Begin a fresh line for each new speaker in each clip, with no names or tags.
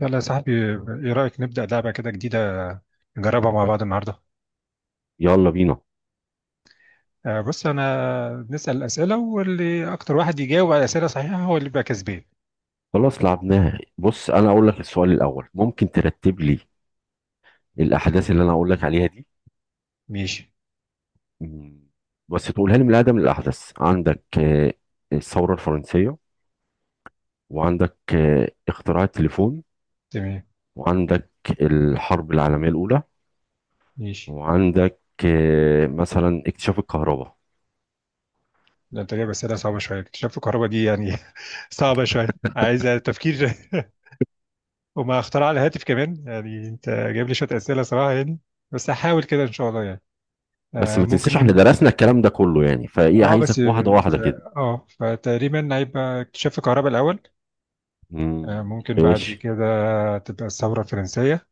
يلا يا صاحبي، ايه رأيك نبدأ لعبة كده جديدة، نجربها مع بعض النهاردة.
يلا بينا.
بص انا بنسأل أسئلة، واللي اكتر واحد يجاوب على أسئلة صحيحة هو اللي بيبقى كسبان.
خلاص لعبناها. بص، انا اقول لك السؤال الاول. ممكن ترتب لي الاحداث اللي انا اقول لك عليها دي؟
ماشي.
مم. بس تقولها لي من الاقدم للاحدث. عندك الثوره الفرنسيه، وعندك اختراع التليفون،
تمام.
وعندك الحرب العالميه الاولى،
ماشي.
وعندك مثلا اكتشاف الكهرباء.
ده انت جايب أسئلة صعبة شوية، اكتشاف الكهرباء دي يعني صعبة شوية، عايزة تفكير. وما اختراع الهاتف كمان، يعني انت جايب لي شوية أسئلة صراحة يعني. بس هحاول كده ان شاء الله يعني.
بس ما تنساش احنا
ممكن.
درسنا الكلام ده كله يعني، فايه
اه بس
عايزك واحده
آه، ف-
واحده كده.
اه فتقريبا هيبقى اكتشاف الكهرباء الأول. ممكن بعد
ماشي.
كده هتبقى الثورة الفرنسية،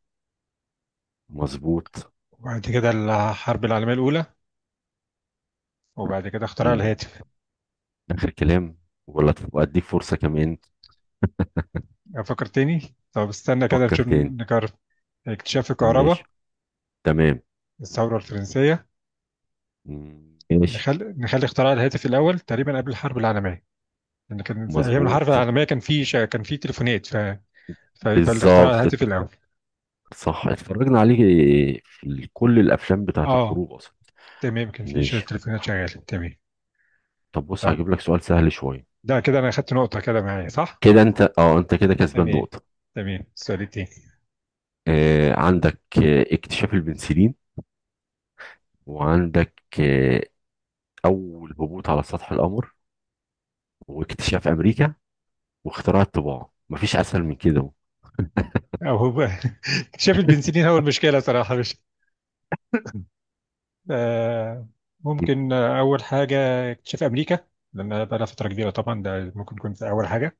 مظبوط.
وبعد كده الحرب العالمية الأولى، وبعد كده اختراع
مم.
الهاتف.
اخر كلام، ولا تبقى اديك فرصه كمان؟
أفكر تاني. طب استنى كده
فكر
نشوف
تاني.
نكرر. اكتشاف
ماشي.
الكهرباء،
تمام.
الثورة الفرنسية.
مم، ماشي.
نخلي اختراع الهاتف الأول تقريبا قبل الحرب العالمية، لأن كان في أيام الحرب
مظبوط.
العالمية كان في تليفونات فيبقى الاختراع
بالظبط.
الهاتف الأول.
صح، اتفرجنا عليه في كل الافلام بتاعت
اه
الحروب اصلا.
تمام، كان في
ماشي.
تليفونات شغالة تمام.
طب بص،
طب
هجيب لك سؤال سهل شويه.
ده كده أنا أخدت نقطة كده معايا، صح؟
كده انت، اه، انت كده كسبان
تمام.
نقطه.
تمام، السؤال التاني.
آه، عندك اكتشاف البنسلين، وعندك اول هبوط على سطح القمر، واكتشاف امريكا، واختراع الطباعه. مفيش اسهل من كده اهو.
أو اكتشاف البنسلين هو المشكلة صراحة، مش آه، ممكن. أول حاجة اكتشاف أمريكا، لأن بقى لها فترة كبيرة طبعا، ده ممكن يكون في أول حاجة.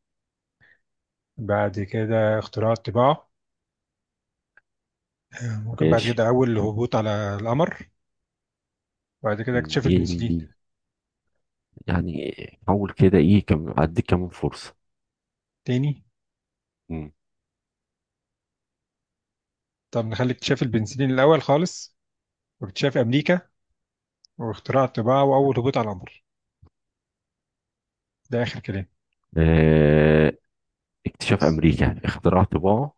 بعد كده اختراع الطباعة. ممكن بعد
ماشي.
كده أول هبوط على القمر. بعد كده اكتشاف البنسلين.
إيه- يعني حاول كده. ايه، كم اديك كمان فرصه.
تاني. طب نخلي اكتشاف البنسلين الأول خالص، واكتشاف أمريكا، واختراع الطباعة، وأول هبوط على القمر. ده آخر كلام.
آه، اكتشاف امريكا يعني اختراع طباعه.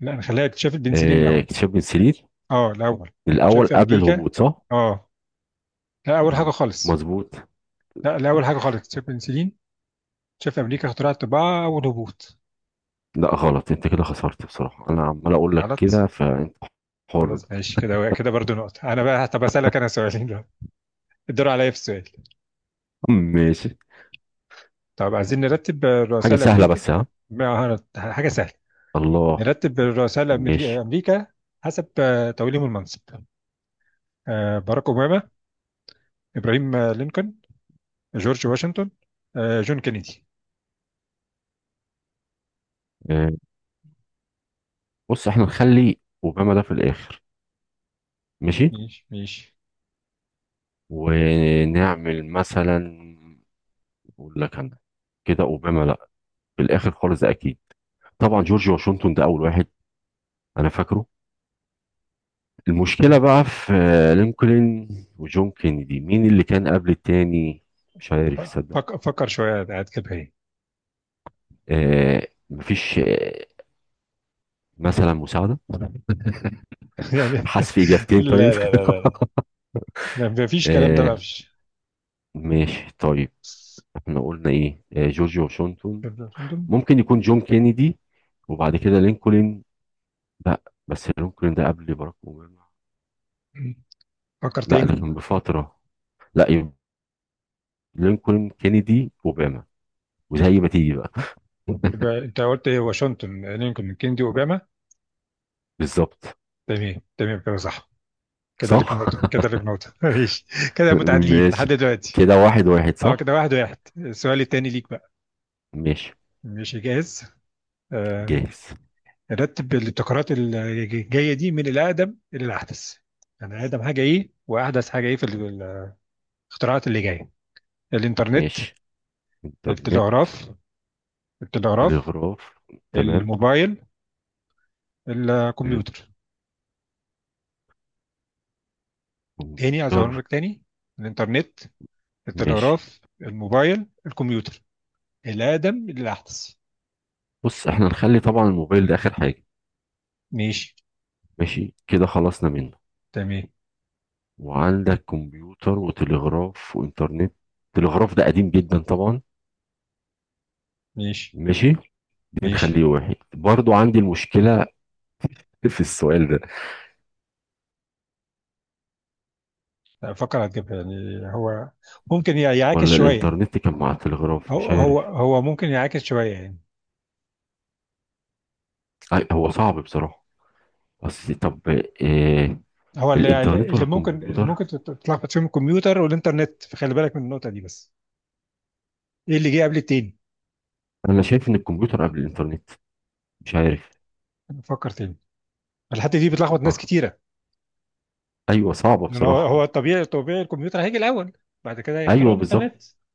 لا، نخليها اكتشاف البنسلين الأول.
اكتشاف بنسلين
أه الأول.
الاول
اكتشاف
قبل
أمريكا.
الهبوط، صح؟
أه. لا أول حاجة
مم.
خالص.
مظبوط.
لا، لا، أول حاجة خالص اكتشاف البنسلين، اكتشاف أمريكا، اختراع الطباعة، أول هبوط.
لا غلط، انت كده خسرت بصراحه. انا عمال اقول لك
غلط.
كده، فانت حر بقى.
خلاص، ماشي كده، كده برضو نقطة أنا بقى. طب أسألك أنا سؤالين دلوقتي، الدور عليا في السؤال.
ماشي.
طب عايزين نرتب
حاجه
الرؤساء
سهله
الأمريكا.
بس، ها؟
ما حاجة سهلة.
الله.
نرتب الرؤساء
ماشي.
أمريكا حسب توليهم المنصب. باراك أوباما، إبراهيم لينكولن، جورج واشنطن، جون كينيدي.
آه، بص احنا نخلي اوباما ده في الاخر. ماشي.
ماشي، ماشي.
ونعمل مثلا، اقول لك انا كده، اوباما لا في الاخر خالص ده اكيد. طبعا جورج واشنطن ده اول واحد، انا فاكره. المشكلة بقى في لينكولن وجون كينيدي، مين اللي كان قبل التاني؟ مش عارف صدق.
فكر شوية، قاعد كده إيه.
آه، مفيش آه، مثلا مساعدة،
يعني
حذف إجابتين طيب؟
لا، لا، لا، لا. لا مفيش كلام ده بقى،
آه،
مفيش.
ماشي طيب. احنا قلنا ايه؟ آه، جورج واشنطن، ممكن يكون جون كينيدي، وبعد كده لينكولن. لا، بس لينكولن ده قبل باراك أوباما.
فكر
لا ده
تاني.
كان بفترة. لا، يبقى لينكولن كينيدي أوباما، وزي ما تيجي بقى.
يبقى انت قلت ايه؟ واشنطن لينكولن كيندي اوباما.
بالظبط.
تمام، تمام كده، صح. كده لك
صح.
نقطة، كده لك نقطة ماشي. كده متعادلين لحد
ماشي،
دلوقتي.
كده واحد واحد،
اه
صح.
كده واحد واحد، السؤال التاني ليك بقى.
ماشي،
ماشي، جاهز. آه.
جاهز.
رتب الابتكارات الجاية دي من الأقدم إلى الأحدث، يعني أقدم حاجة إيه وأحدث حاجة إيه في الاختراعات اللي جاية. الإنترنت،
ماشي. انترنت.
التلغراف. التلغراف،
تلغراف. تمام.
الموبايل، الكمبيوتر. تاني، عايز أقول
الكمبيوتر.
لك تاني. الإنترنت،
ماشي.
التلغراف، الموبايل، الكمبيوتر. الأقدم للأحدث.
بص احنا نخلي طبعا الموبايل ده اخر حاجة.
ماشي.
ماشي كده، خلصنا منه.
تمام.
وعندك كمبيوتر، وتلغراف، وانترنت. التلغراف ده قديم جدا طبعا.
ماشي.
ماشي. دي
ماشي.
نخليه واحد برضو. عندي المشكلة في السؤال ده.
لا، أفكر، هتجيبها يعني، هو ممكن يعاكس
ولا
شوية.
الانترنت كان مع التلغراف،
هو
مش
هو
عارف.
هو ممكن يعاكس شوية يعني.
أي، هو صعب بصراحة. بس طب، آه،
هو اللي
الانترنت ولا
اللي ممكن اللي
الكمبيوتر؟
ممكن تتلخبط فيهم الكمبيوتر والإنترنت، فخلي بالك من النقطة دي بس. إيه اللي جه قبل التاني؟
انا شايف ان الكمبيوتر قبل الانترنت. مش عارف.
فكر تاني. الحتة دي بتلخبط ناس
صح.
كتيرة.
ايوه، صعبه
لأن هو
بصراحه.
هو الطبيعي، طبيعي الكمبيوتر هيجي الأول، بعد كده هيخترعوا
ايوه بالظبط.
الإنترنت.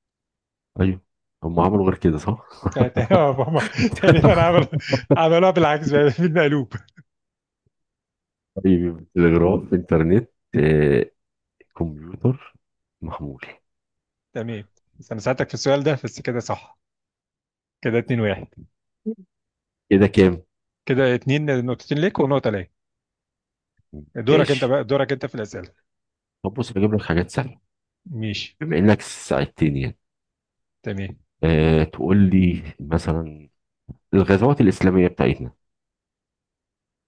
ايوه، هم عملوا غير كده، صح.
فت- تقريبا عمل، عملوها بالعكس بقى بالمقلوب.
طيب، تلغراف، انترنت، آه، كمبيوتر، محمول.
تمام. بس انا ساعدتك في السؤال ده بس، كده صح. كده اتنين واحد.
كده كام؟
كده اتنين، نقطتين ليك ونقطة ليا. دورك انت
ماشي.
بقى، دورك انت في الأسئلة.
طب بص، بجيب لك حاجات سهله
ماشي.
بما انك ساعدتني يعني.
تمام.
أه، تقول لي مثلا الغزوات الاسلاميه بتاعتنا.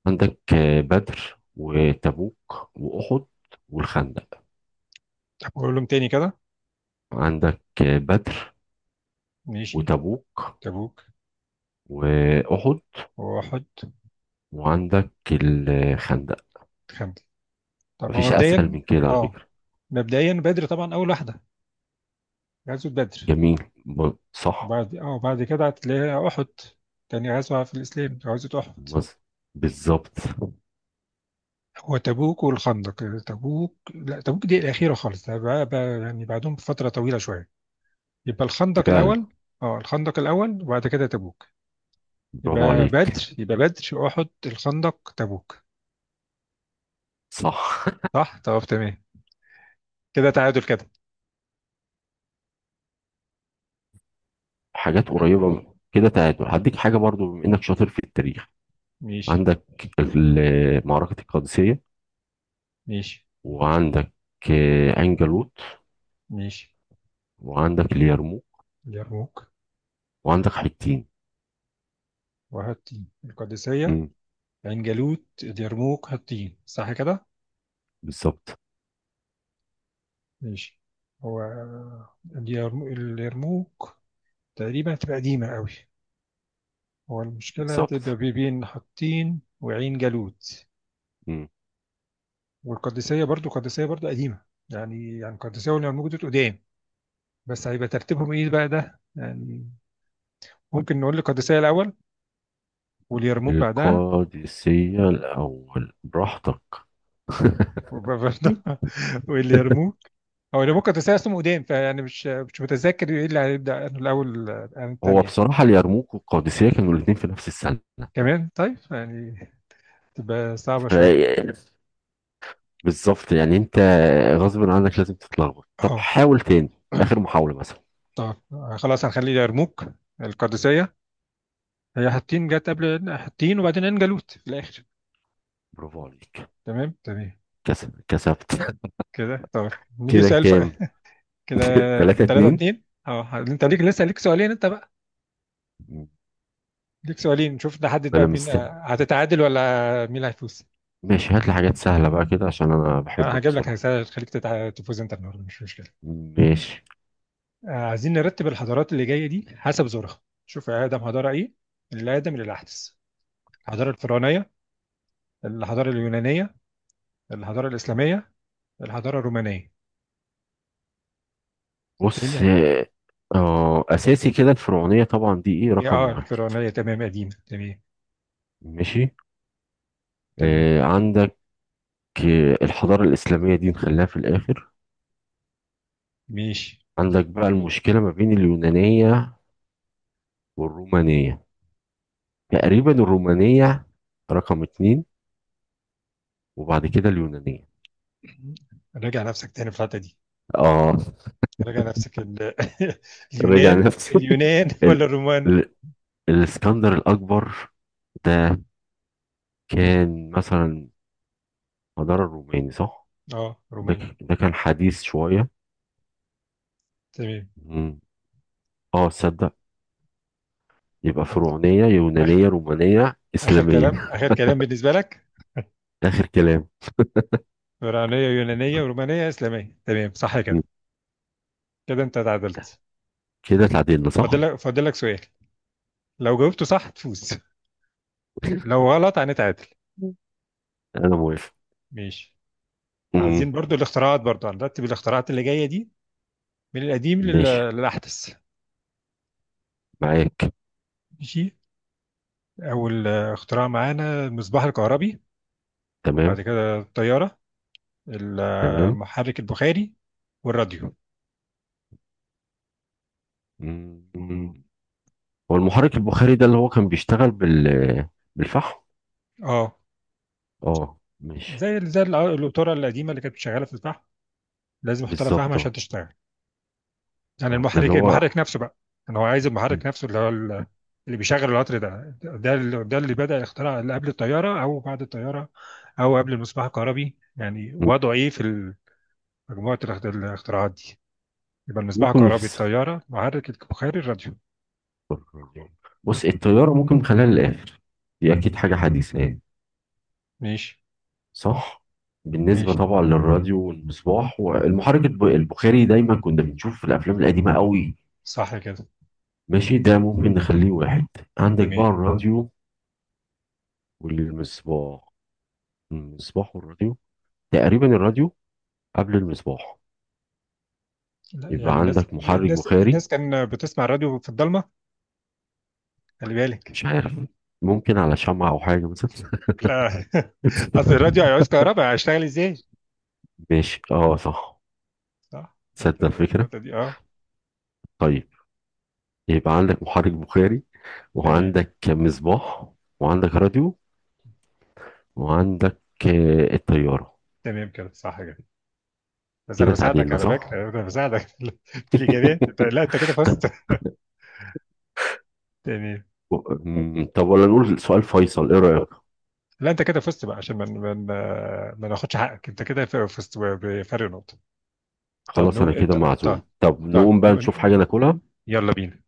عندك بدر، وتبوك، واحد، والخندق.
طب قولهم تاني كده.
عندك بدر،
ماشي.
وتبوك،
تبوك.
وأحد،
واحد.
وعندك الخندق.
خمسة. طب هو
مفيش أسهل
مبدئيا.
من كده على
اه
فكرة.
مبدئيا بدر طبعا أول واحدة، غزوة بدر.
جميل. صح.
وبعد وبعد كده هتلاقيها أحد، تاني غزوة في الإسلام غزوة أحد.
مز- بالظبط.
هو تبوك والخندق، تبوك، لا تبوك دي الأخيرة خالص، ده بقى يعني بعدهم بفترة طويلة شوية. يبقى الخندق
فعلا.
الأول. اه الخندق الأول وبعد كده تبوك.
برافو عليك.
يبقى بدر أحد الخندق تبوك.
صح.
صح؟ طب تمام. كده تعادل كده.
حاجات قريبة كده. تعادل، هديك حاجة برضو بما إنك شاطر في التاريخ.
ماشي.
عندك معركة القادسية،
ماشي.
وعندك عين جالوت،
ماشي.
وعندك اليرموك،
اليرموك.
وعندك حطين.
وهاتين القادسية،
مم،
عين جالوت، اليرموك، هاتين، صح كده؟
بالظبط.
ماشي. هو اليرموك تقريبا هتبقى قديمة قوي. هو المشكلة هتبقى
بالظبط.
بين حطين وعين جالوت.
مم.
والقادسية برضو، القادسية برضو قديمة. يعني، يعني القادسية واليرموك دول قدام، بس هيبقى ترتيبهم ايه بقى ده يعني. ممكن نقول القادسية الأول واليرموك بعدها.
القادسية الأول، براحتك.
وبرضه واليرموك. هو اليرموك القادسية اسمه قدام، فيعني مش متذكر ايه اللي هيبدأ أنه الأول عن
هو
التانية.
بصراحة اليرموك والقادسية كانوا الاتنين في نفس السنة،
كمان، طيب يعني تبقى صعبة شوية.
ف- بالظبط يعني، انت غصب عنك لازم تتلخبط. طب
اه
حاول تاني، آخر محاولة مثلا.
طب خلاص هنخلي اليرموك، القادسية، هي حطين، جت قبل حطين، وبعدين عين جالوت في الآخر.
برافو عليك.
تمام، تمام
كسب، كسبت.
كده. طيب نيجي
كده
سؤال
كام؟
كده.
تلاتة
3
اتنين.
2 اه انت ليك لسه ليك سؤالين انت بقى، ليك سؤالين نشوف نحدد
ما
بقى
انا
مين
مستني.
هتتعادل ولا مين اللي هيفوز.
ماشي، هات لي حاجات سهلة بقى كده، عشان انا
انا
بحبك
هجيب لك،
بصراحة.
هسأل خليك تفوز انت النهارده، مش مشكله.
ماشي
عايزين نرتب الحضارات اللي جايه دي حسب زورها، شوف يا ادم حضاره ايه، من الادم للاحدث. الحضاره الفرعونيه، الحضاره اليونانيه، الحضاره الاسلاميه، الحضاره الرومانيه.
بص.
تاني.
اه، اساسي كده الفرعونية طبعا دي ايه، رقم
اه
واحد.
الفرعونيه تمام، قديمه، تمام.
ماشي.
تمام.
آه، عندك، آه، الحضارة الإسلامية دي نخليها في الآخر.
ماشي.
عندك بقى المشكلة ما بين اليونانية والرومانية.
م.
تقريبا الرومانية رقم اتنين، وبعد كده اليونانية.
راجع نفسك تاني في الحته دي.
اه،
راجع نفسك
رجع
اليونان.
نفسي.
اليونان ولا
ال...
الرومان؟
ال... الاسكندر الأكبر ده كان مثلا حضارة الروماني، صح؟
اه
ده
روماني.
ك... ده كان حديث شوية.
تمام.
مم. اه، تصدق. يبقى فرعونية،
آخ...
يونانية، رومانية،
اخر
إسلامية.
كلام، اخر كلام بالنسبه لك.
آخر كلام.
فرعونيه، يونانيه، ورومانيه، اسلاميه، تمام، صح
مم.
كده. كده انت تعادلت.
كده اتعدلنا، صح؟
فاضل لك سؤال، لو جاوبته صح تفوز، لو غلط هنتعادل.
مم. أنا موافق.
ماشي.
مم.
عايزين برضو الاختراعات، برضو هنرتب الاختراعات اللي جايه دي من القديم
ماشي.
للاحدث.
معاك.
ماشي. اول اختراع معانا المصباح الكهربي، بعد
تمام،
كده الطياره،
تمام.
المحرك البخاري، والراديو.
مم. هو المحرك البخاري ده اللي هو كان بيشتغل بال- بالفحم.
اه
اه، ماشي.
زي القطوره القديمه اللي كانت شغاله في الفحم، لازم احط لها فحم
بالظبط،
عشان
اه.
تشتغل. يعني
ده اللي
المحرك
هو،
المحرك نفسه بقى. انا هو عايز المحرك نفسه اللي هو اللي بيشغل القطر ده، ده اللي بدأ يخترع اللي قبل الطياره او بعد الطياره، او قبل المصباح الكهربي يعني،
مم.
وضعه ايه في مجموعه الاختراعات دي؟ يبقى المصباح
ممكن
الكهربي،
نفس،
الطياره، محرك البخاري، الراديو.
بص الطيارة ممكن نخليها للآخر، دي أكيد حاجة حديثة يعني.
ماشي.
صح. بالنسبة
ماشي.
طبعا للراديو والمصباح والمحرك البخاري، دايما كنا بنشوف في الأفلام القديمة قوي.
صح كده.
ماشي ده، ممكن نخليه واحد. عندك بقى
تمام.
الراديو والمصباح. المصباح والراديو، تقريبا الراديو قبل المصباح.
لا
يبقى
يعني الناس
عندك محرك
الناس
بخاري.
الناس كان بتسمع الراديو في الضلمه، خلي بالك.
مش عارف، ممكن على شمعة أو حاجة مثلا.
لا اصل الراديو هيعوز كهرباء، هيشتغل ازاي؟
ماشي، اه صح.
صح انت،
تصدق الفكرة.
النقطه دي اه.
طيب، يبقى عندك محرك بخاري،
تمام،
وعندك مصباح، وعندك راديو، وعندك الطيارة.
تمام كده، صح كده. بس انا
كده
بساعدك
تعديلنا،
على
صح؟
فكره، انا بساعدك في الاجابات. لا انت كده
طب،
فزت. تمام.
طب ولا نقول سؤال فيصل، ايه رأيك؟
لا انت كده فزت بقى، عشان ما ناخدش حقك، انت كده فزت بفرق نقطه. طب
خلاص انا
نقوم،
كده
طب
معزوم. طب
طب
نقوم بقى نشوف حاجة
نقول-
ناكلها.
يلا بينا.